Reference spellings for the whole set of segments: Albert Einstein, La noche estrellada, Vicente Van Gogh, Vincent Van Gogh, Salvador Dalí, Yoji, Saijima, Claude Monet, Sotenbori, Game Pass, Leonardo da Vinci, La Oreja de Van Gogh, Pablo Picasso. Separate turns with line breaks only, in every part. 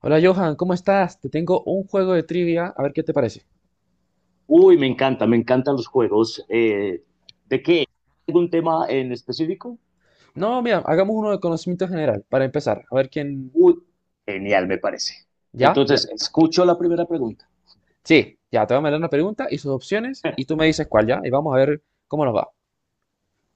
Hola Johan, ¿cómo estás? Te tengo un juego de trivia, a ver qué te parece.
Uy, me encanta, me encantan los juegos. ¿De qué? ¿Algún tema en específico?
No, mira, hagamos uno de conocimiento general para empezar, a ver quién...
Uy, genial, me parece.
¿Ya? ¿Ya?
Entonces, escucho la primera pregunta.
Sí, ya, te voy a mandar una pregunta y sus opciones y tú me dices cuál, ¿ya? Y vamos a ver cómo nos va.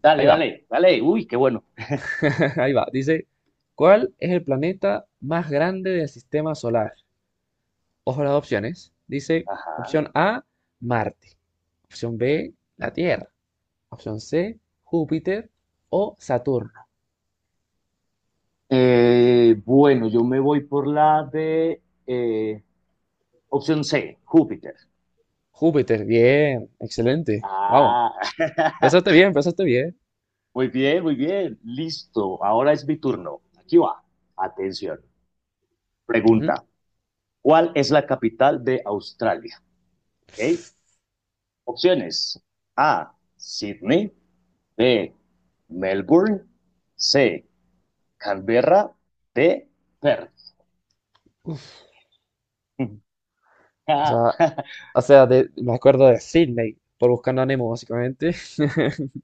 Dale,
Ahí va,
dale, dale. Uy, qué bueno.
ahí va. Dice, ¿cuál es el planeta más grande del sistema solar? Ojo a las opciones. Dice,
Ajá.
opción A, Marte. Opción B, la Tierra. Opción C, Júpiter o Saturno.
Bueno, yo me voy por la de eh, opción C, Júpiter.
Júpiter, bien, excelente. Vamos.
Ah,
Empezaste bien, empezaste bien.
muy bien, muy bien. Listo. Ahora es mi turno. Aquí va. Atención.
Ujú.
Pregunta. ¿Cuál es la capital de Australia? ¿Ok? Opciones. A. Sydney. B. Melbourne. C. Canberra. D. Perth.
O sea, me acuerdo de Sydney por Buscando a Nemo, básicamente.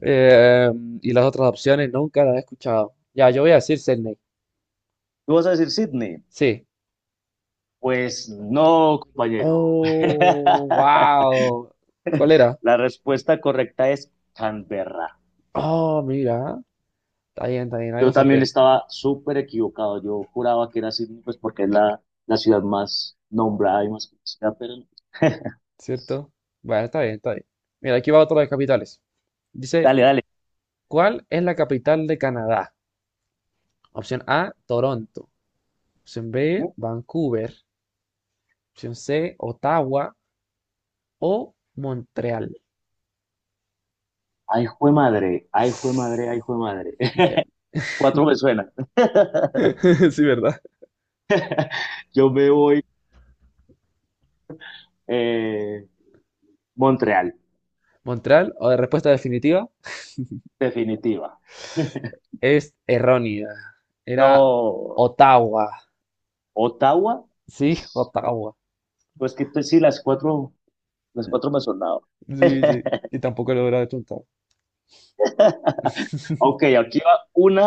Eh, y las otras opciones nunca las he escuchado. Ya, yo voy a decir Sydney.
¿Tú vas a decir Sydney?
Sí.
Pues no, compañero.
Oh, wow. ¿Cuál era?
La respuesta correcta es Canberra.
Oh, mira. Está bien, está bien. Algo
Yo
se
también
aprende,
estaba súper equivocado. Yo juraba que era Sydney, pues porque es la ciudad más nombrada y más conocida, pero no.
¿cierto? Bueno, está bien, está bien. Mira, aquí va otro de capitales. Dice,
Dale, dale.
¿cuál es la capital de Canadá? Opción A, Toronto. Opción B, Vancouver. Opción C, Ottawa o Montreal.
Ay, jue madre, ay, jue madre, ay, jue madre.
Ya.
Cuatro me suena.
Sí, ¿verdad?
Yo me voy eh, Montreal,
Montreal, o de respuesta definitiva,
definitiva.
es errónea. Era
No,
Ottawa.
Ottawa.
Sí, Ottawa.
Pues sí, las cuatro me han sonado.
Sí, sí. Y tampoco lo hubiera chuntar.
Ok, aquí va una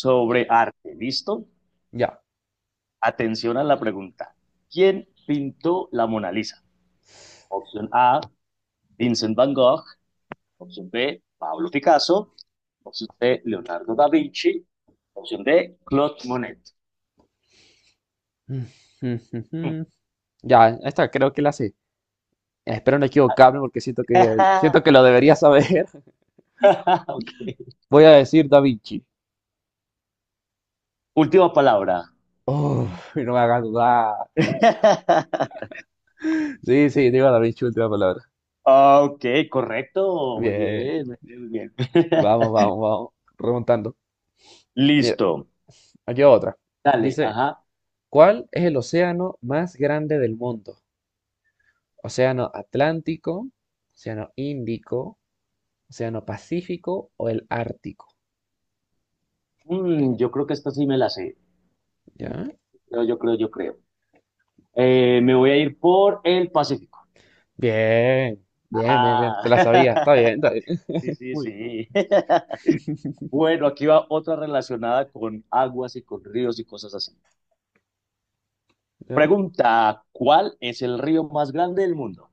sobre arte, ¿listo?
Ya.
Atención a la pregunta. ¿Quién pintó la Mona Lisa? Opción A, Vincent Van Gogh. Opción B, Pablo Picasso. Opción C, Leonardo da Vinci. Opción D, Claude Monet.
Ya, esta creo que la sé. Espero no equivocarme porque siento que, siento que lo debería saber.
Ok.
Voy a decir Da Vinci.
Última palabra.
Oh, no me hagas dudar. Sí, sí, digo Da Vinci, última palabra.
Ah, Ok, correcto. Muy
Bien.
bien, muy bien, muy bien.
Vamos, vamos, vamos. Remontando. Mira,
Listo.
aquí va otra.
Dale,
Dice,
ajá.
¿cuál es el océano más grande del mundo? ¿Océano Atlántico, Océano Índico, Océano Pacífico o el Ártico?
Mm, yo creo que esta sí me la sé.
¿Ya?
Yo creo, yo creo. Me voy a ir por el Pacífico.
Bien, bien, bien, bien. Te
Ah,
la sabía. Está bien, está bien.
sí, sí,
Muy
sí. Bueno, aquí va otra relacionada con aguas y con ríos y cosas así.
bien. ¿Ya?
Pregunta, ¿cuál es el río más grande del mundo?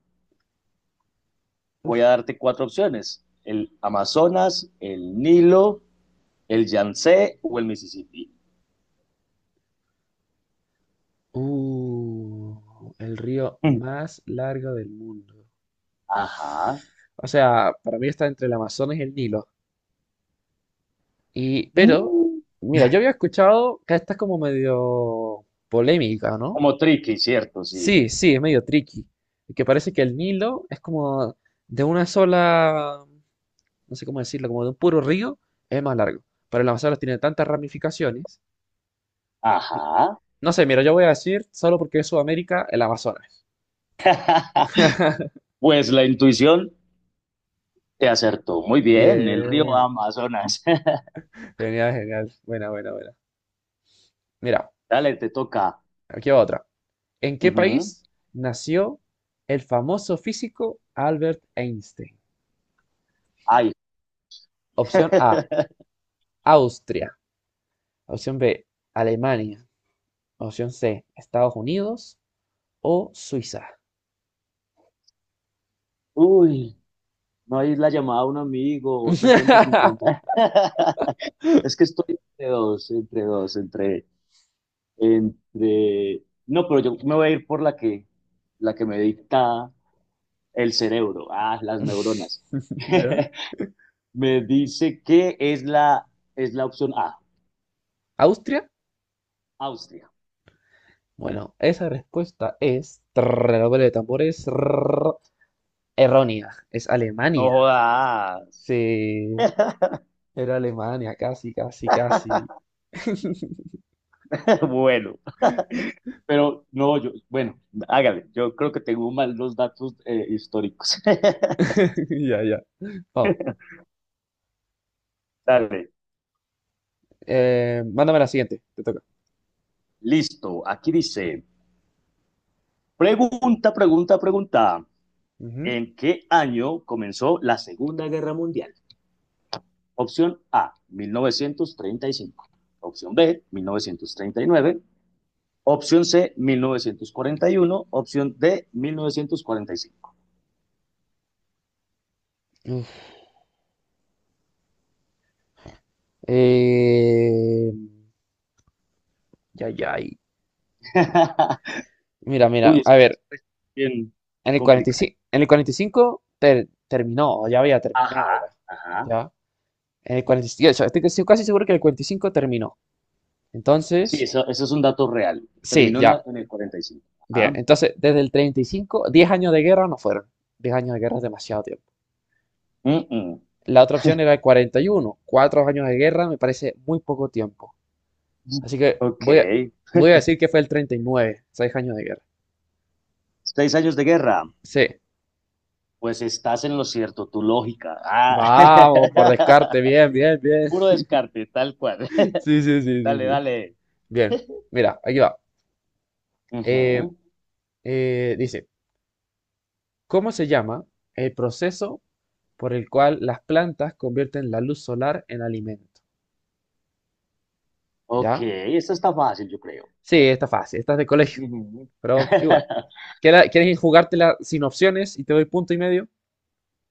Voy a
Uf.
darte cuatro opciones. El Amazonas, el Nilo, ¿el Yangtze o el Mississippi?
El río
Mm.
más largo del mundo.
Ajá.
O sea, para mí está entre el Amazonas y el Nilo. Y, pero,
Mm.
mira, yo había escuchado que esta es como medio polémica, ¿no?
Como tricky, ¿cierto? Sí.
Sí, sí, es medio tricky. Que parece que el Nilo es como de una sola, no sé cómo decirlo, como de un puro río, es más largo. Pero el Amazonas tiene tantas ramificaciones.
Ajá.
No sé, mira, yo voy a decir, solo porque es Sudamérica, el Amazonas.
Pues la intuición te acertó. Muy bien, el río
Bien,
Amazonas.
genial, genial. Buena, buena, buena. Mira,
Dale, te toca.
aquí va otra. ¿En qué
Ujú.
país nació el famoso físico Albert Einstein?
Ay.
Opción A, Austria. Opción B, Alemania. Opción C, Estados Unidos o Suiza.
Uy, no hay la llamada a un amigo o 50-50. Es que estoy entre dos, entre dos, entre, entre. No, pero yo me voy a ir por la que me dicta el cerebro, ah, las neuronas.
¿Ya?
Me dice que es la opción A,
¿Austria?
Austria.
Bueno, esa respuesta es, redoble de tambores, trrr, errónea. Es
No
Alemania.
jodas.
Sí, era Alemania, casi, casi, casi.
Bueno, pero no, yo, bueno, hágale, yo creo que tengo mal los datos históricos.
Ya, ya. Vamos,
Dale,
mándame la siguiente, te toca.
listo, aquí dice, pregunta, pregunta, pregunta,
Ujú.
¿en qué año comenzó la Segunda Guerra Mundial? Opción A, 1935. Opción B, 1939. Opción C, 1941, Opción D, 1945.
Uf. Eh, ya, ya. Mira,
Uy,
mira,
es
a
que eso
ver,
es bien
en el
complicado.
45, terminó, o ya había terminado ya.
Ajá, ajá.
¿Ya? En el 45, estoy casi seguro que el 45 terminó.
Sí,
Entonces,
eso es un dato real.
sí,
Terminó en,
ya.
la- en el 45.
Bien,
Ajá.
entonces desde el 35, 10 años de guerra no fueron. 10 años de guerra es demasiado tiempo.
Mm, mm.
La otra opción era el 41, 4 años de guerra me parece muy poco tiempo. Así que
Ok.
voy a decir que fue el 39, 6 años de guerra.
6 años de guerra.
Sí.
Pues estás en lo cierto, tu lógica. Ah.
Vamos, por descarte, bien, bien, bien.
Puro descarte, tal cual.
Sí, sí, sí, sí,
Dale,
sí.
dale.
Bien, mira, aquí va. Eh,
Ujú.
Dice, ¿cómo se llama el proceso por el cual las plantas convierten la luz solar en alimento?
Ok,
¿Ya?
esta está fácil, yo creo.
Sí, está fácil, estás de colegio,
Ujú.
pero igual. ¿Quieres jugártela sin opciones y te doy punto y medio?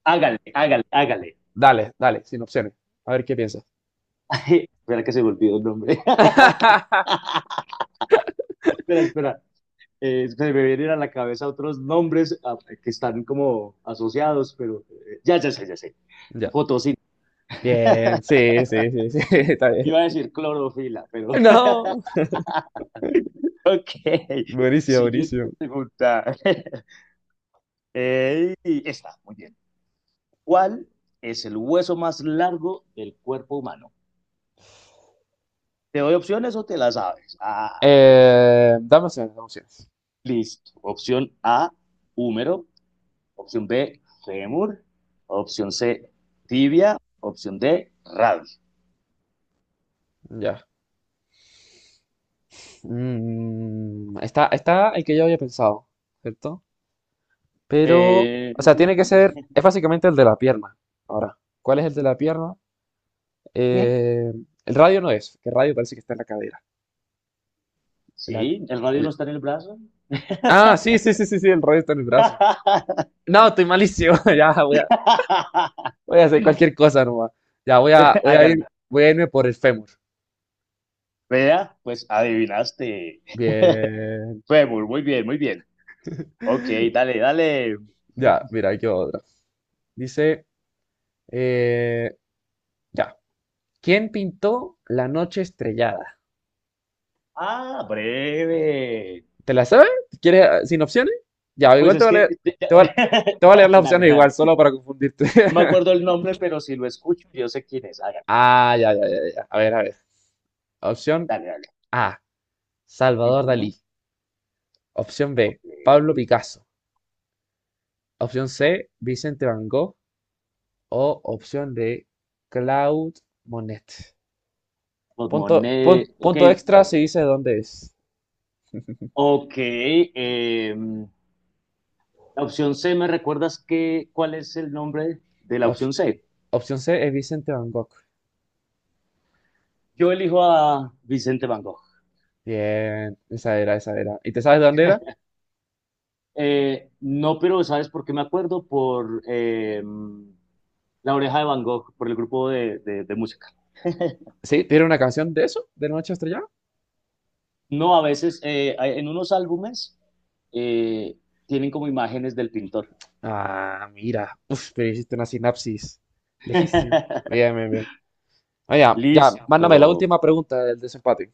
Hágale, hágale, hágale.
Dale, dale, sin opciones. A ver qué piensas.
Espera que se me olvidó el nombre. Espera, espera. Se me vienen a la cabeza otros nombres que están como asociados, pero ya, ya sé, ya sé.
Ya.
Fotosíntesis.
Bien, sí, sí, sí, sí, está bien.
Iba a decir clorofila, pero
No.
ok.
Buenísimo, buenísimo.
Siguiente pregunta. Esta, muy bien. ¿Cuál es el hueso más largo del cuerpo humano? ¿Te doy opciones o te las sabes? Ah,
Dame opciones, dame opciones.
listo. Opción A, húmero. Opción B, fémur. Opción C, tibia. Opción D, radio.
Ya. Mm, está el que yo había pensado, ¿cierto? Pero,
Eh,
o sea, tiene que
uy.
ser, es básicamente el de la pierna. Ahora, ¿cuál es el de la pierna? Eh, el radio no es, que el radio parece que está en la cadera. La-
Sí, el radio no
l-
está en el brazo.
ah, sí, sí, sí, sí, sí, el radio está en el brazo. No, estoy malísimo. Ya, voy a hacer cualquier cosa nomás. Ya,
Hágale.
voy a irme por el fémur.
Vea, pues adivinaste.
Bien.
Fémur, muy bien, muy bien. Ok, dale, dale.
Ya, mira, aquí va otra. Dice, eh, ya. ¿Quién pintó La noche estrellada?
Ah, breve.
¿Te la sabes? Si ¿Quieres sin opciones? Ya,
Pues
igual
es que.
te voy a, te voy a leer las
Dale,
opciones
dale.
igual, solo para confundirte.
No me acuerdo el nombre, pero si lo escucho, yo sé quién es. Hágale,
Ah, ya, ya, ya, ya. A ver, a ver. Opción
dale, dale.
A, Salvador Dalí.
Ujú,
Opción
Ok.
B, Pablo Picasso. Opción C, Vicente Van Gogh. O opción D, Claude Monet. Punto,
Pulmoné.
pun-
Ok,
punto extra si dice dónde es.
Ok, la opción C, ¿me recuerdas qué, cuál es el nombre de la
Op-
opción C?
opción C es Vicente Van Gogh.
Yo elijo a Vicente Van Gogh.
Bien, esa era, esa era. ¿Y te sabes de dónde era?
No, pero ¿sabes por qué me acuerdo? Por La Oreja de Van Gogh, por el grupo de música.
Sí, tiene una canción de eso, de Noche Estrellada.
No, a veces en unos álbumes eh, tienen como imágenes del pintor.
Ah, mira. Uf, pero hiciste una sinapsis. Lejísimo. Bien, bien, bien. Ah, ya, ya. Mándame la
Listo,
última pregunta del desempate.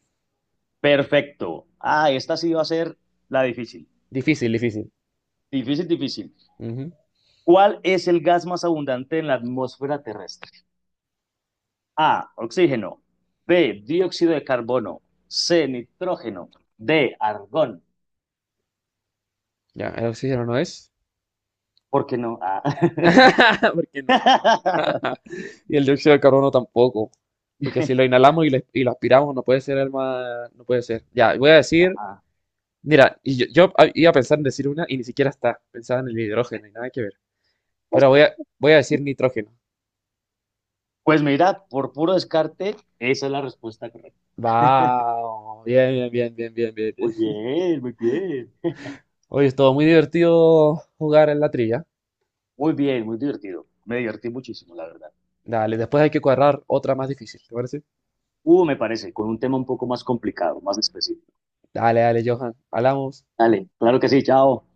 perfecto. Ah, esta sí va a ser la difícil.
Difícil, difícil.
Difícil, difícil.
Ujú.
¿Cuál es el gas más abundante en la atmósfera terrestre? A. Oxígeno. B. Dióxido de carbono. C. Nitrógeno. D. Argón.
Ya, el oxígeno no es.
¿Por qué no? Ah.
¿Por qué no? Y el dióxido de carbono tampoco. Porque si lo inhalamos y lo aspiramos, no puede ser el más. No puede ser. Ya, voy a decir. Mira, y iba a pensar en decir una y ni siquiera está. Pensaba en el hidrógeno y nada que ver. Pero voy a decir nitrógeno.
Pues mira, por puro descarte, esa es la respuesta correcta.
Wow, bien, bien, bien, bien, bien. Bien.
Muy bien, muy bien.
Oye, estuvo muy divertido jugar en la trilla.
Muy bien, muy divertido. Me divertí muchísimo, la verdad.
Dale, después hay que cuadrar otra más difícil, ¿te parece?
Me parece, con un tema un poco más complicado, más específico.
Dale, dale, Johan. Hablamos.
Dale, claro que sí, chao.